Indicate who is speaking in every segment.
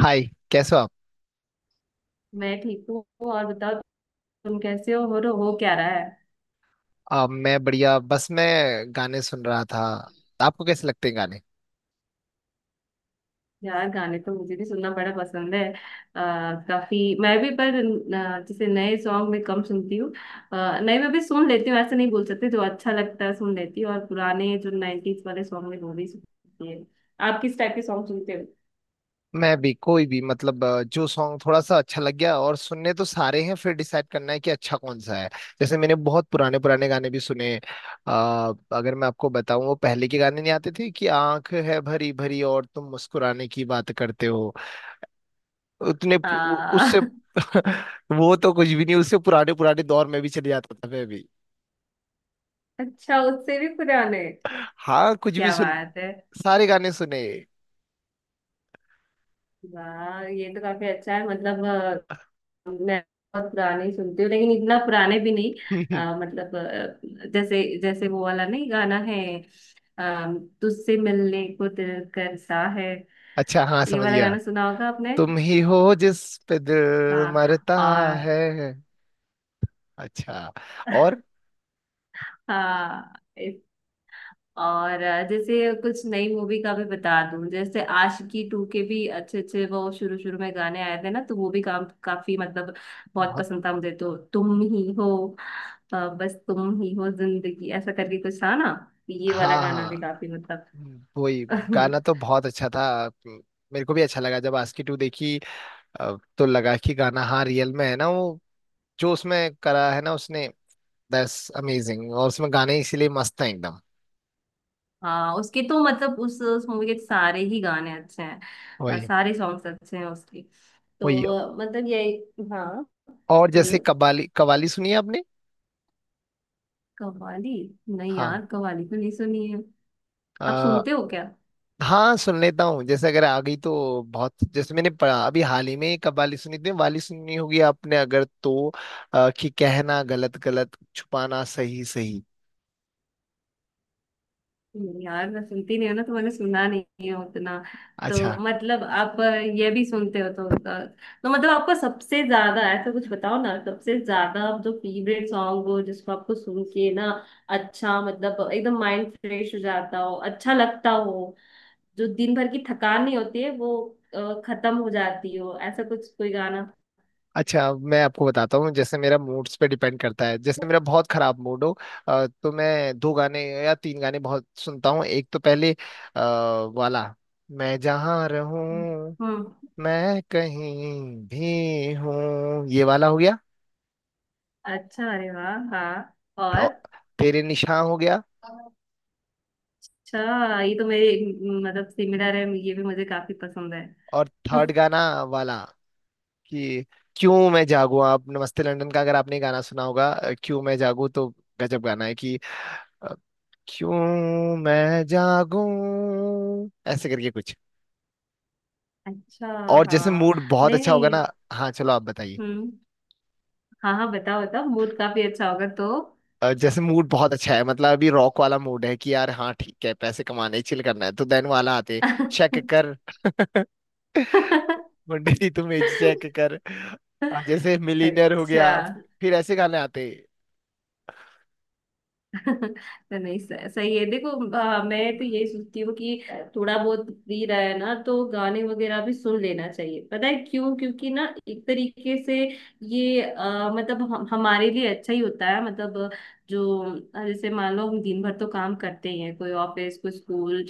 Speaker 1: हाय। कैसे हो आप?
Speaker 2: मैं ठीक हूँ। और बताओ, तुम कैसे हो और हो क्या रहा है?
Speaker 1: मैं बढ़िया। बस मैं गाने सुन रहा था। आपको कैसे लगते हैं गाने?
Speaker 2: यार, गाने तो मुझे भी सुनना बड़ा पसंद है काफी मैं भी। पर जैसे नए सॉन्ग में कम सुनती हूँ। नए में भी सुन लेती हूँ, ऐसे नहीं बोल सकते। जो अच्छा लगता है सुन लेती हूँ, और पुराने जो 90s वाले सॉन्ग है वो भी सुनती है। आप किस टाइप के सॉन्ग सुनते हो?
Speaker 1: मैं भी कोई भी मतलब जो सॉन्ग थोड़ा सा अच्छा लग गया। और सुनने तो सारे हैं, फिर डिसाइड करना है कि अच्छा कौन सा है। जैसे मैंने बहुत पुराने पुराने गाने भी सुने। आ, अगर मैं आपको बताऊं, वो पहले के गाने नहीं आते थे कि आंख है भरी भरी और तुम मुस्कुराने की बात करते हो। उससे
Speaker 2: आ,
Speaker 1: वो तो कुछ भी नहीं, उससे पुराने पुराने दौर में भी चले जाता था मैं भी।
Speaker 2: अच्छा, उससे भी पुराने?
Speaker 1: हाँ, कुछ भी
Speaker 2: क्या
Speaker 1: सुन,
Speaker 2: बात है।
Speaker 1: सारे गाने सुने।
Speaker 2: वाह, ये तो काफी अच्छा है मतलब। मैं बहुत पुराने ही सुनती हूँ, लेकिन इतना पुराने भी नहीं। मतलब जैसे जैसे वो वाला नहीं, गाना है। तुझसे मिलने को दिल करता है,
Speaker 1: अच्छा, हाँ,
Speaker 2: ये
Speaker 1: समझ
Speaker 2: वाला
Speaker 1: गया।
Speaker 2: गाना सुना होगा आपने?
Speaker 1: तुम ही हो जिस पे दिल
Speaker 2: हाँ।
Speaker 1: मरता है।
Speaker 2: और
Speaker 1: अच्छा। और
Speaker 2: हाँ। और जैसे कुछ नई मूवी का भी बता दूं, जैसे आशिकी टू के भी अच्छे अच्छे वो शुरू शुरू में गाने आए थे ना, तो वो भी काम काफी मतलब बहुत
Speaker 1: बहुत।
Speaker 2: पसंद था मुझे, तो तुम ही हो। बस तुम ही हो जिंदगी, ऐसा करके कुछ था ना। ये वाला
Speaker 1: हाँ
Speaker 2: गाना भी
Speaker 1: हाँ,
Speaker 2: काफी मतलब।
Speaker 1: वही। गाना तो बहुत अच्छा था। मेरे को भी अच्छा लगा जब आस्की टू देखी। तो लगा कि गाना हाँ रियल में है ना वो, जो उसमें करा है ना उसने। That's amazing. और उसमें गाने इसीलिए मस्त हैं एकदम।
Speaker 2: हाँ, उसके तो मतलब उस मूवी के सारे ही गाने अच्छे हैं।
Speaker 1: वही
Speaker 2: सारे सॉन्ग्स अच्छे हैं उसके।
Speaker 1: वही।
Speaker 2: तो मतलब यही, हाँ।
Speaker 1: और जैसे
Speaker 2: बोलो।
Speaker 1: कबाली कवाली सुनी है आपने?
Speaker 2: कव्वाली? नहीं
Speaker 1: हाँ।
Speaker 2: यार, कव्वाली तो नहीं सुनी है। आप
Speaker 1: अ,
Speaker 2: सुनते हो क्या?
Speaker 1: हाँ, सुन लेता हूँ। जैसे अगर आ गई तो बहुत। जैसे मैंने पढ़ा अभी हाल ही में एक कव्वाली सुनी थी, वाली सुनी होगी आपने अगर तो कि कहना गलत गलत, छुपाना सही सही।
Speaker 2: नहीं यार, मैं सुनती नहीं हूँ ना, तो मैंने सुना नहीं है उतना।
Speaker 1: अच्छा।
Speaker 2: तो मतलब आप ये भी सुनते हो तो तो मतलब आपको सबसे ज्यादा ऐसा कुछ बताओ ना, सबसे ज्यादा आप जो फेवरेट सॉन्ग हो जिसको आपको सुन के ना, अच्छा मतलब एकदम माइंड फ्रेश हो जाता हो, अच्छा लगता हो, जो दिन भर की थकान नहीं होती है वो खत्म हो जाती हो, ऐसा कुछ कोई गाना?
Speaker 1: अच्छा, मैं आपको बताता हूँ। जैसे मेरा मूड्स पे डिपेंड करता है। जैसे मेरा बहुत खराब मूड हो, तो मैं दो गाने या तीन गाने बहुत सुनता हूँ। एक तो पहले आ, वाला, मैं जहाँ रहूँ,
Speaker 2: हम्म।
Speaker 1: मैं कहीं भी हूँ, ये वाला हो गया।
Speaker 2: अच्छा, अरे वाह, हाँ। और?
Speaker 1: और तेरे निशान हो गया।
Speaker 2: अच्छा, ये तो मेरी मतलब सिमिलर है, ये भी मुझे काफी पसंद है।
Speaker 1: और थर्ड गाना वाला, कि क्यों मैं जागूं। आप नमस्ते लंदन का अगर आपने गाना सुना होगा, क्यों मैं जागूं, तो गजब गाना है। कि अ, क्यों मैं जागूं ऐसे करके कुछ।
Speaker 2: अच्छा।
Speaker 1: और जैसे
Speaker 2: हाँ।
Speaker 1: मूड बहुत
Speaker 2: नहीं,
Speaker 1: अच्छा होगा
Speaker 2: नहीं।
Speaker 1: ना। हाँ, चलो आप बताइए।
Speaker 2: हम्म। हाँ हाँ, बताओ बताओ, मूड काफी अच्छा होगा तो।
Speaker 1: जैसे मूड बहुत अच्छा है मतलब, अभी रॉक वाला मूड है कि यार हाँ ठीक है, पैसे कमाने चिल करना है तो देन वाला आते, चेक कर। मुंडे जी तुम एज चेक कर। जैसे मिलीनियर हो
Speaker 2: अच्छा।
Speaker 1: गया, फिर ऐसे गाने आते।
Speaker 2: तो नहीं, सही सही है, देखो। मैं तो यही सोचती हूँ कि थोड़ा बहुत फ्री रहा है ना, तो गाने वगैरह भी सुन लेना चाहिए। पता है क्यों? क्योंकि ना एक तरीके से ये मतलब हमारे लिए अच्छा ही होता है, मतलब जो जैसे मान लो हम दिन भर तो काम करते ही हैं, कोई ऑफिस, कोई स्कूल,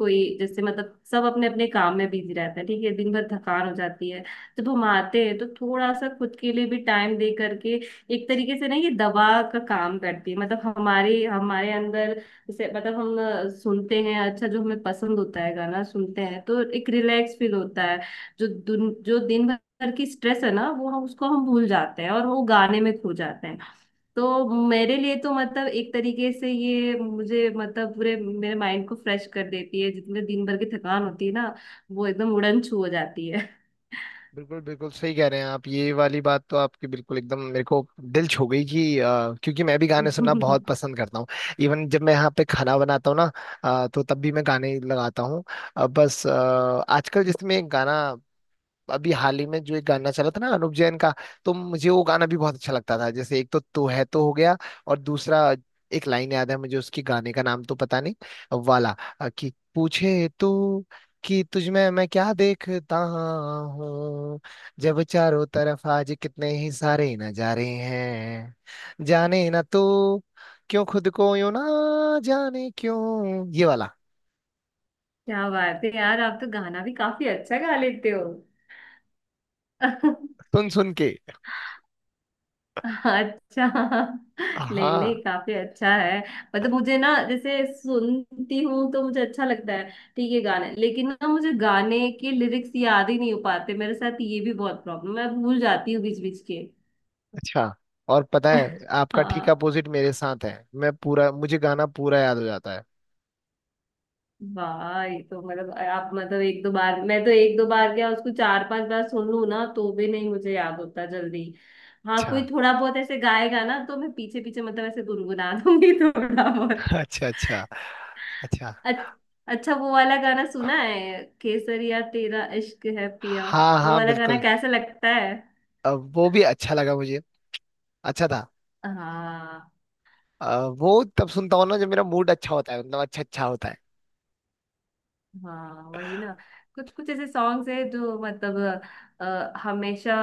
Speaker 2: कोई जैसे मतलब सब अपने अपने काम में बिजी रहता है, ठीक है, दिन भर थकान हो जाती है। जब हम आते हैं तो थोड़ा सा खुद के लिए भी टाइम दे करके एक तरीके से ना ये दवा का काम करती है, मतलब हमारे हमारे अंदर। जैसे मतलब हम सुनते हैं अच्छा, जो हमें पसंद होता है गाना सुनते हैं तो एक रिलैक्स फील होता है। जो दिन भर की स्ट्रेस है ना, वो हम उसको हम भूल जाते हैं और वो गाने में खो जाते हैं। तो मेरे लिए तो मतलब एक तरीके से ये मुझे मतलब पूरे मेरे माइंड को फ्रेश कर देती है, जितने दिन भर की थकान होती है ना, वो एकदम उड़न छू हो जाती है।
Speaker 1: बिल्कुल बिल्कुल सही कह रहे हैं आप। ये वाली बात तो आपकी बिल्कुल एकदम मेरे को दिल छू गई। कि क्योंकि मैं भी गाने सुनना बहुत पसंद करता हूँ। इवन जब मैं यहाँ पे खाना बनाता हूँ ना, तो तब भी मैं गाने लगाता हूँ। अ, बस अ, आजकल जिसमें गाना, अभी हाल ही में जो एक गाना चला था ना अनुप जैन का, तो मुझे वो गाना भी बहुत अच्छा लगता था। जैसे एक तो तू है तो हो गया। और दूसरा, एक लाइन याद है मुझे उसकी, गाने का नाम तो पता नहीं वाला। कि पूछे तू कि तुझ में मैं क्या देखता हूँ, जब चारों तरफ आज कितने ही सारे नजारे हैं, जाने ना तू क्यों खुद को यूं, ना जाने क्यों, ये वाला।
Speaker 2: क्या बात है यार, आप तो गाना भी काफी अच्छा गा लेते हो।
Speaker 1: सुन सुन के।
Speaker 2: अच्छा। नहीं नहीं,
Speaker 1: हाँ।
Speaker 2: काफी अच्छा है। मतलब मुझे ना, जैसे सुनती हूँ तो मुझे अच्छा लगता है, ठीक है गाने। लेकिन ना मुझे गाने के लिरिक्स याद ही नहीं हो पाते। मेरे साथ ये भी बहुत प्रॉब्लम है, मैं भूल जाती हूँ बीच बीच के।
Speaker 1: अच्छा। और पता है, आपका ठीक
Speaker 2: हाँ।
Speaker 1: अपोजिट मेरे साथ है। मैं पूरा, मुझे गाना पूरा याद हो जाता है।
Speaker 2: वाह, ये तो मतलब आप, मतलब एक दो बार, मैं तो एक दो बार क्या, उसको चार पांच बार सुन लूं ना, तो भी नहीं मुझे याद होता जल्दी। हाँ,
Speaker 1: अच्छा।
Speaker 2: कोई थोड़ा बहुत ऐसे गाएगा ना तो मैं पीछे पीछे मतलब ऐसे गुनगुना दूंगी थोड़ा बहुत।
Speaker 1: अच्छा अच्छा। अच्छा।
Speaker 2: अच- अच्छा, वो वाला गाना सुना है, केसरिया तेरा इश्क है पिया?
Speaker 1: हाँ
Speaker 2: वो
Speaker 1: हाँ
Speaker 2: वाला गाना
Speaker 1: बिल्कुल।
Speaker 2: कैसा लगता है?
Speaker 1: वो भी अच्छा लगा मुझे। अच्छा था।
Speaker 2: हाँ।
Speaker 1: वो तब सुनता हूँ ना जब मेरा मूड अच्छा होता है, मतलब अच्छा अच्छा होता है।
Speaker 2: हाँ वही ना, कुछ कुछ ऐसे सॉन्ग्स हैं जो मतलब हमेशा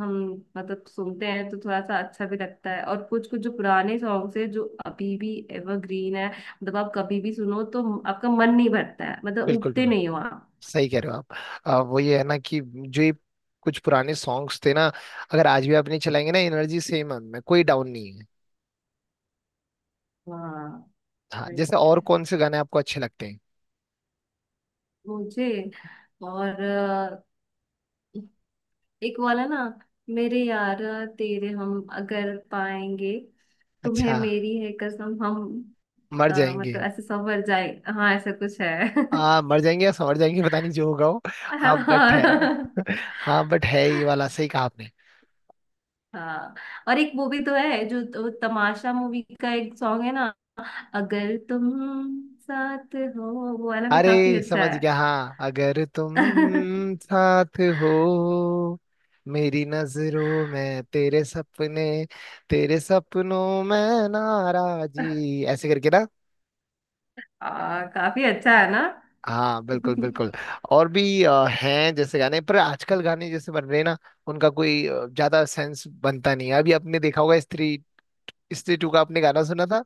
Speaker 2: हम मतलब सुनते हैं तो थोड़ा सा अच्छा भी लगता है, और कुछ कुछ जो पुराने सॉन्ग्स हैं जो अभी भी एवरग्रीन है, मतलब आप कभी भी सुनो तो आपका मन नहीं भरता है, मतलब
Speaker 1: बिल्कुल
Speaker 2: उबते
Speaker 1: बिल्कुल
Speaker 2: नहीं हो आप।
Speaker 1: सही कह रहे हो आप। वो ये है ना कि जो ये कुछ पुराने सॉन्ग्स थे ना, अगर आज भी आप नहीं चलाएंगे ना, एनर्जी सेम है उनमें, कोई डाउन नहीं है।
Speaker 2: हाँ
Speaker 1: हाँ।
Speaker 2: वही।
Speaker 1: जैसे और कौन से गाने आपको अच्छे लगते हैं?
Speaker 2: मुझे और एक वाला ना, मेरे यार, तेरे हम अगर पाएंगे, तुम्हें
Speaker 1: अच्छा,
Speaker 2: मेरी है कसम हम,
Speaker 1: मर जाएंगे।
Speaker 2: मतलब ऐसे संवर जाए, हाँ ऐसा कुछ है।
Speaker 1: हाँ मर जाएंगे या समझ जाएंगे, पता नहीं जो होगा वो। हाँ बट
Speaker 2: हाँ।
Speaker 1: है। हाँ बट है, ये वाला सही कहा आपने।
Speaker 2: हाँ, और एक मूवी तो है जो, तो तमाशा मूवी का एक सॉन्ग है ना, अगर तुम साथ हो, वो वाला भी काफी
Speaker 1: अरे
Speaker 2: अच्छा
Speaker 1: समझ
Speaker 2: है।
Speaker 1: गया, हाँ, अगर तुम साथ हो, मेरी नजरों में तेरे सपने, तेरे सपनों में नाराजी ऐसे करके ना।
Speaker 2: काफी अच्छा है ना?
Speaker 1: हाँ बिल्कुल बिल्कुल। और भी हैं जैसे गाने। पर आजकल गाने जैसे बन रहे हैं ना, उनका कोई ज्यादा सेंस बनता नहीं है। अभी आपने देखा होगा स्त्री, स्त्री टू का आपने गाना सुना था?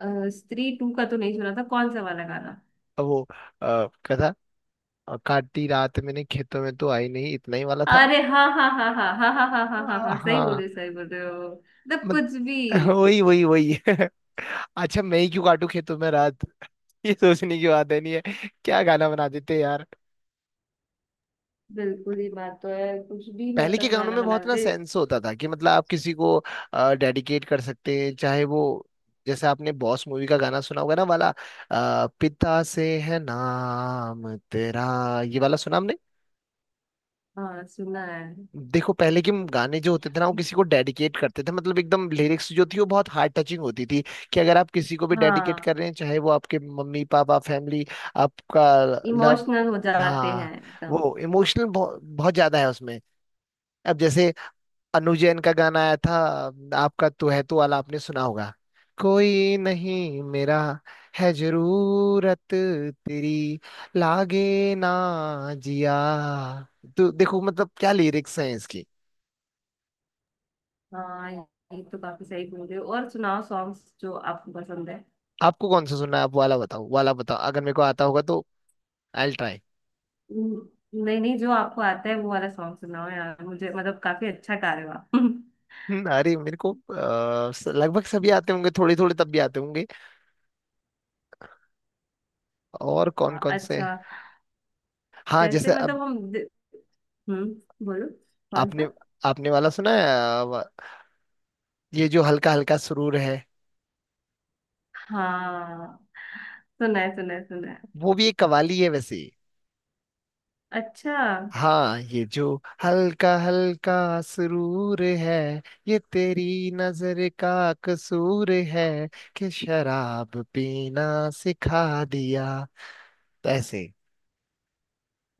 Speaker 2: स्त्री टू का तो नहीं सुना था, कौन सा वाला गाना?
Speaker 1: वो क्या था, और काटी रात मैंने खेतों में, तो आई नहीं, इतना ही वाला था।
Speaker 2: अरे हाँ हाँ हाँ हाँ हाँ हाँ हाँ हाँ हाँ हाँ, सही
Speaker 1: हाँ।
Speaker 2: बोले, सही बोल रहे हो, मतलब
Speaker 1: मत,
Speaker 2: कुछ भी।
Speaker 1: वही वही वही। अच्छा, मैं ही क्यों काटू खेतों में रात। ये सोचने की बात है, नहीं है? क्या गाना बना देते हैं यार।
Speaker 2: बिल्कुल, ये बात तो है, कुछ भी
Speaker 1: पहले के
Speaker 2: मतलब
Speaker 1: गानों
Speaker 2: गाना
Speaker 1: में
Speaker 2: बना
Speaker 1: बहुत ना
Speaker 2: दे।
Speaker 1: सेंस होता था। कि मतलब आप किसी को डेडिकेट कर सकते हैं, चाहे वो, जैसे आपने बॉस मूवी का गाना सुना होगा ना वाला, पिता से है नाम तेरा, ये वाला सुना?
Speaker 2: हाँ, सुना है।
Speaker 1: देखो पहले के गाने जो होते थे ना, वो किसी को डेडिकेट करते थे। मतलब एकदम लिरिक्स जो थी वो बहुत हार्ट टचिंग होती थी। कि अगर आप किसी को भी डेडिकेट
Speaker 2: हाँ,
Speaker 1: कर रहे हैं, चाहे वो आपके मम्मी पापा, फैमिली, आपका लव।
Speaker 2: इमोशनल हो जाते
Speaker 1: हाँ,
Speaker 2: हैं एकदम।
Speaker 1: वो इमोशनल बहुत बहुत ज्यादा है उसमें। अब जैसे अनु जैन का गाना आया था आपका, तू है तू वाला, आपने सुना होगा। कोई नहीं मेरा, है जरूरत तेरी, लागे ना जिया। तो देखो मतलब क्या लिरिक्स हैं इसकी।
Speaker 2: हाँ, ये तो काफी सही बोल रहे हो, और सुनाओ सॉन्ग्स जो आपको पसंद है।
Speaker 1: आपको कौन सा सुनना है, आप वाला बताओ, वाला बताओ, अगर मेरे को आता होगा तो आई विल ट्राई।
Speaker 2: न- नहीं नहीं, जो आपको आता है वो वाला सॉन्ग सुनाओ यार मुझे, मतलब काफी अच्छा गा रहे हो आप।
Speaker 1: अरे मेरे को लगभग सभी आते होंगे, थोड़े थोड़े तब भी आते होंगे। और कौन
Speaker 2: हाँ,
Speaker 1: कौन से?
Speaker 2: अच्छा।
Speaker 1: हाँ
Speaker 2: जैसे
Speaker 1: जैसे अब,
Speaker 2: मतलब हम्म, बोलो, कौन
Speaker 1: आपने,
Speaker 2: सा?
Speaker 1: आपने वाला सुना है अ, वा- ये जो हल्का हल्का सुरूर है?
Speaker 2: हाँ, सुना है सुना है सुना है।
Speaker 1: वो भी एक कवाली है वैसे ही।
Speaker 2: अच्छा।
Speaker 1: हाँ, ये जो हल्का हल्का सुरूर है, ये तेरी नजर का कसूर है, कि शराब पीना सिखा दिया, तो ऐसे।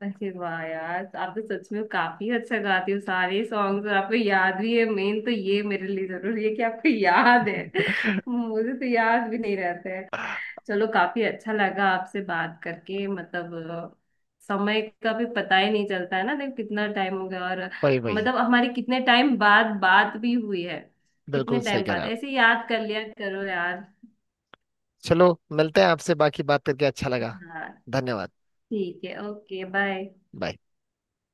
Speaker 2: अरे वाह यार, आप तो सच में काफी अच्छा गाती हो सारे सॉन्ग्स, और आपको याद भी है। मेन तो ये मेरे लिए जरूरी है कि आपको याद है। मुझे तो याद भी नहीं रहता है। चलो, काफी अच्छा लगा आपसे बात करके, मतलब समय का भी पता ही नहीं चलता है ना, देखो कितना टाइम हो गया, और
Speaker 1: वही वही।
Speaker 2: मतलब हमारी कितने टाइम बाद बात भी हुई है। कितने
Speaker 1: बिल्कुल सही
Speaker 2: टाइम
Speaker 1: कह रहे
Speaker 2: बाद
Speaker 1: हैं आप।
Speaker 2: ऐसे याद कर लिया करो यार।
Speaker 1: चलो, मिलते हैं आपसे, बाकी बात करके अच्छा लगा।
Speaker 2: हाँ
Speaker 1: धन्यवाद।
Speaker 2: ठीक है, ओके बाय।
Speaker 1: बाय।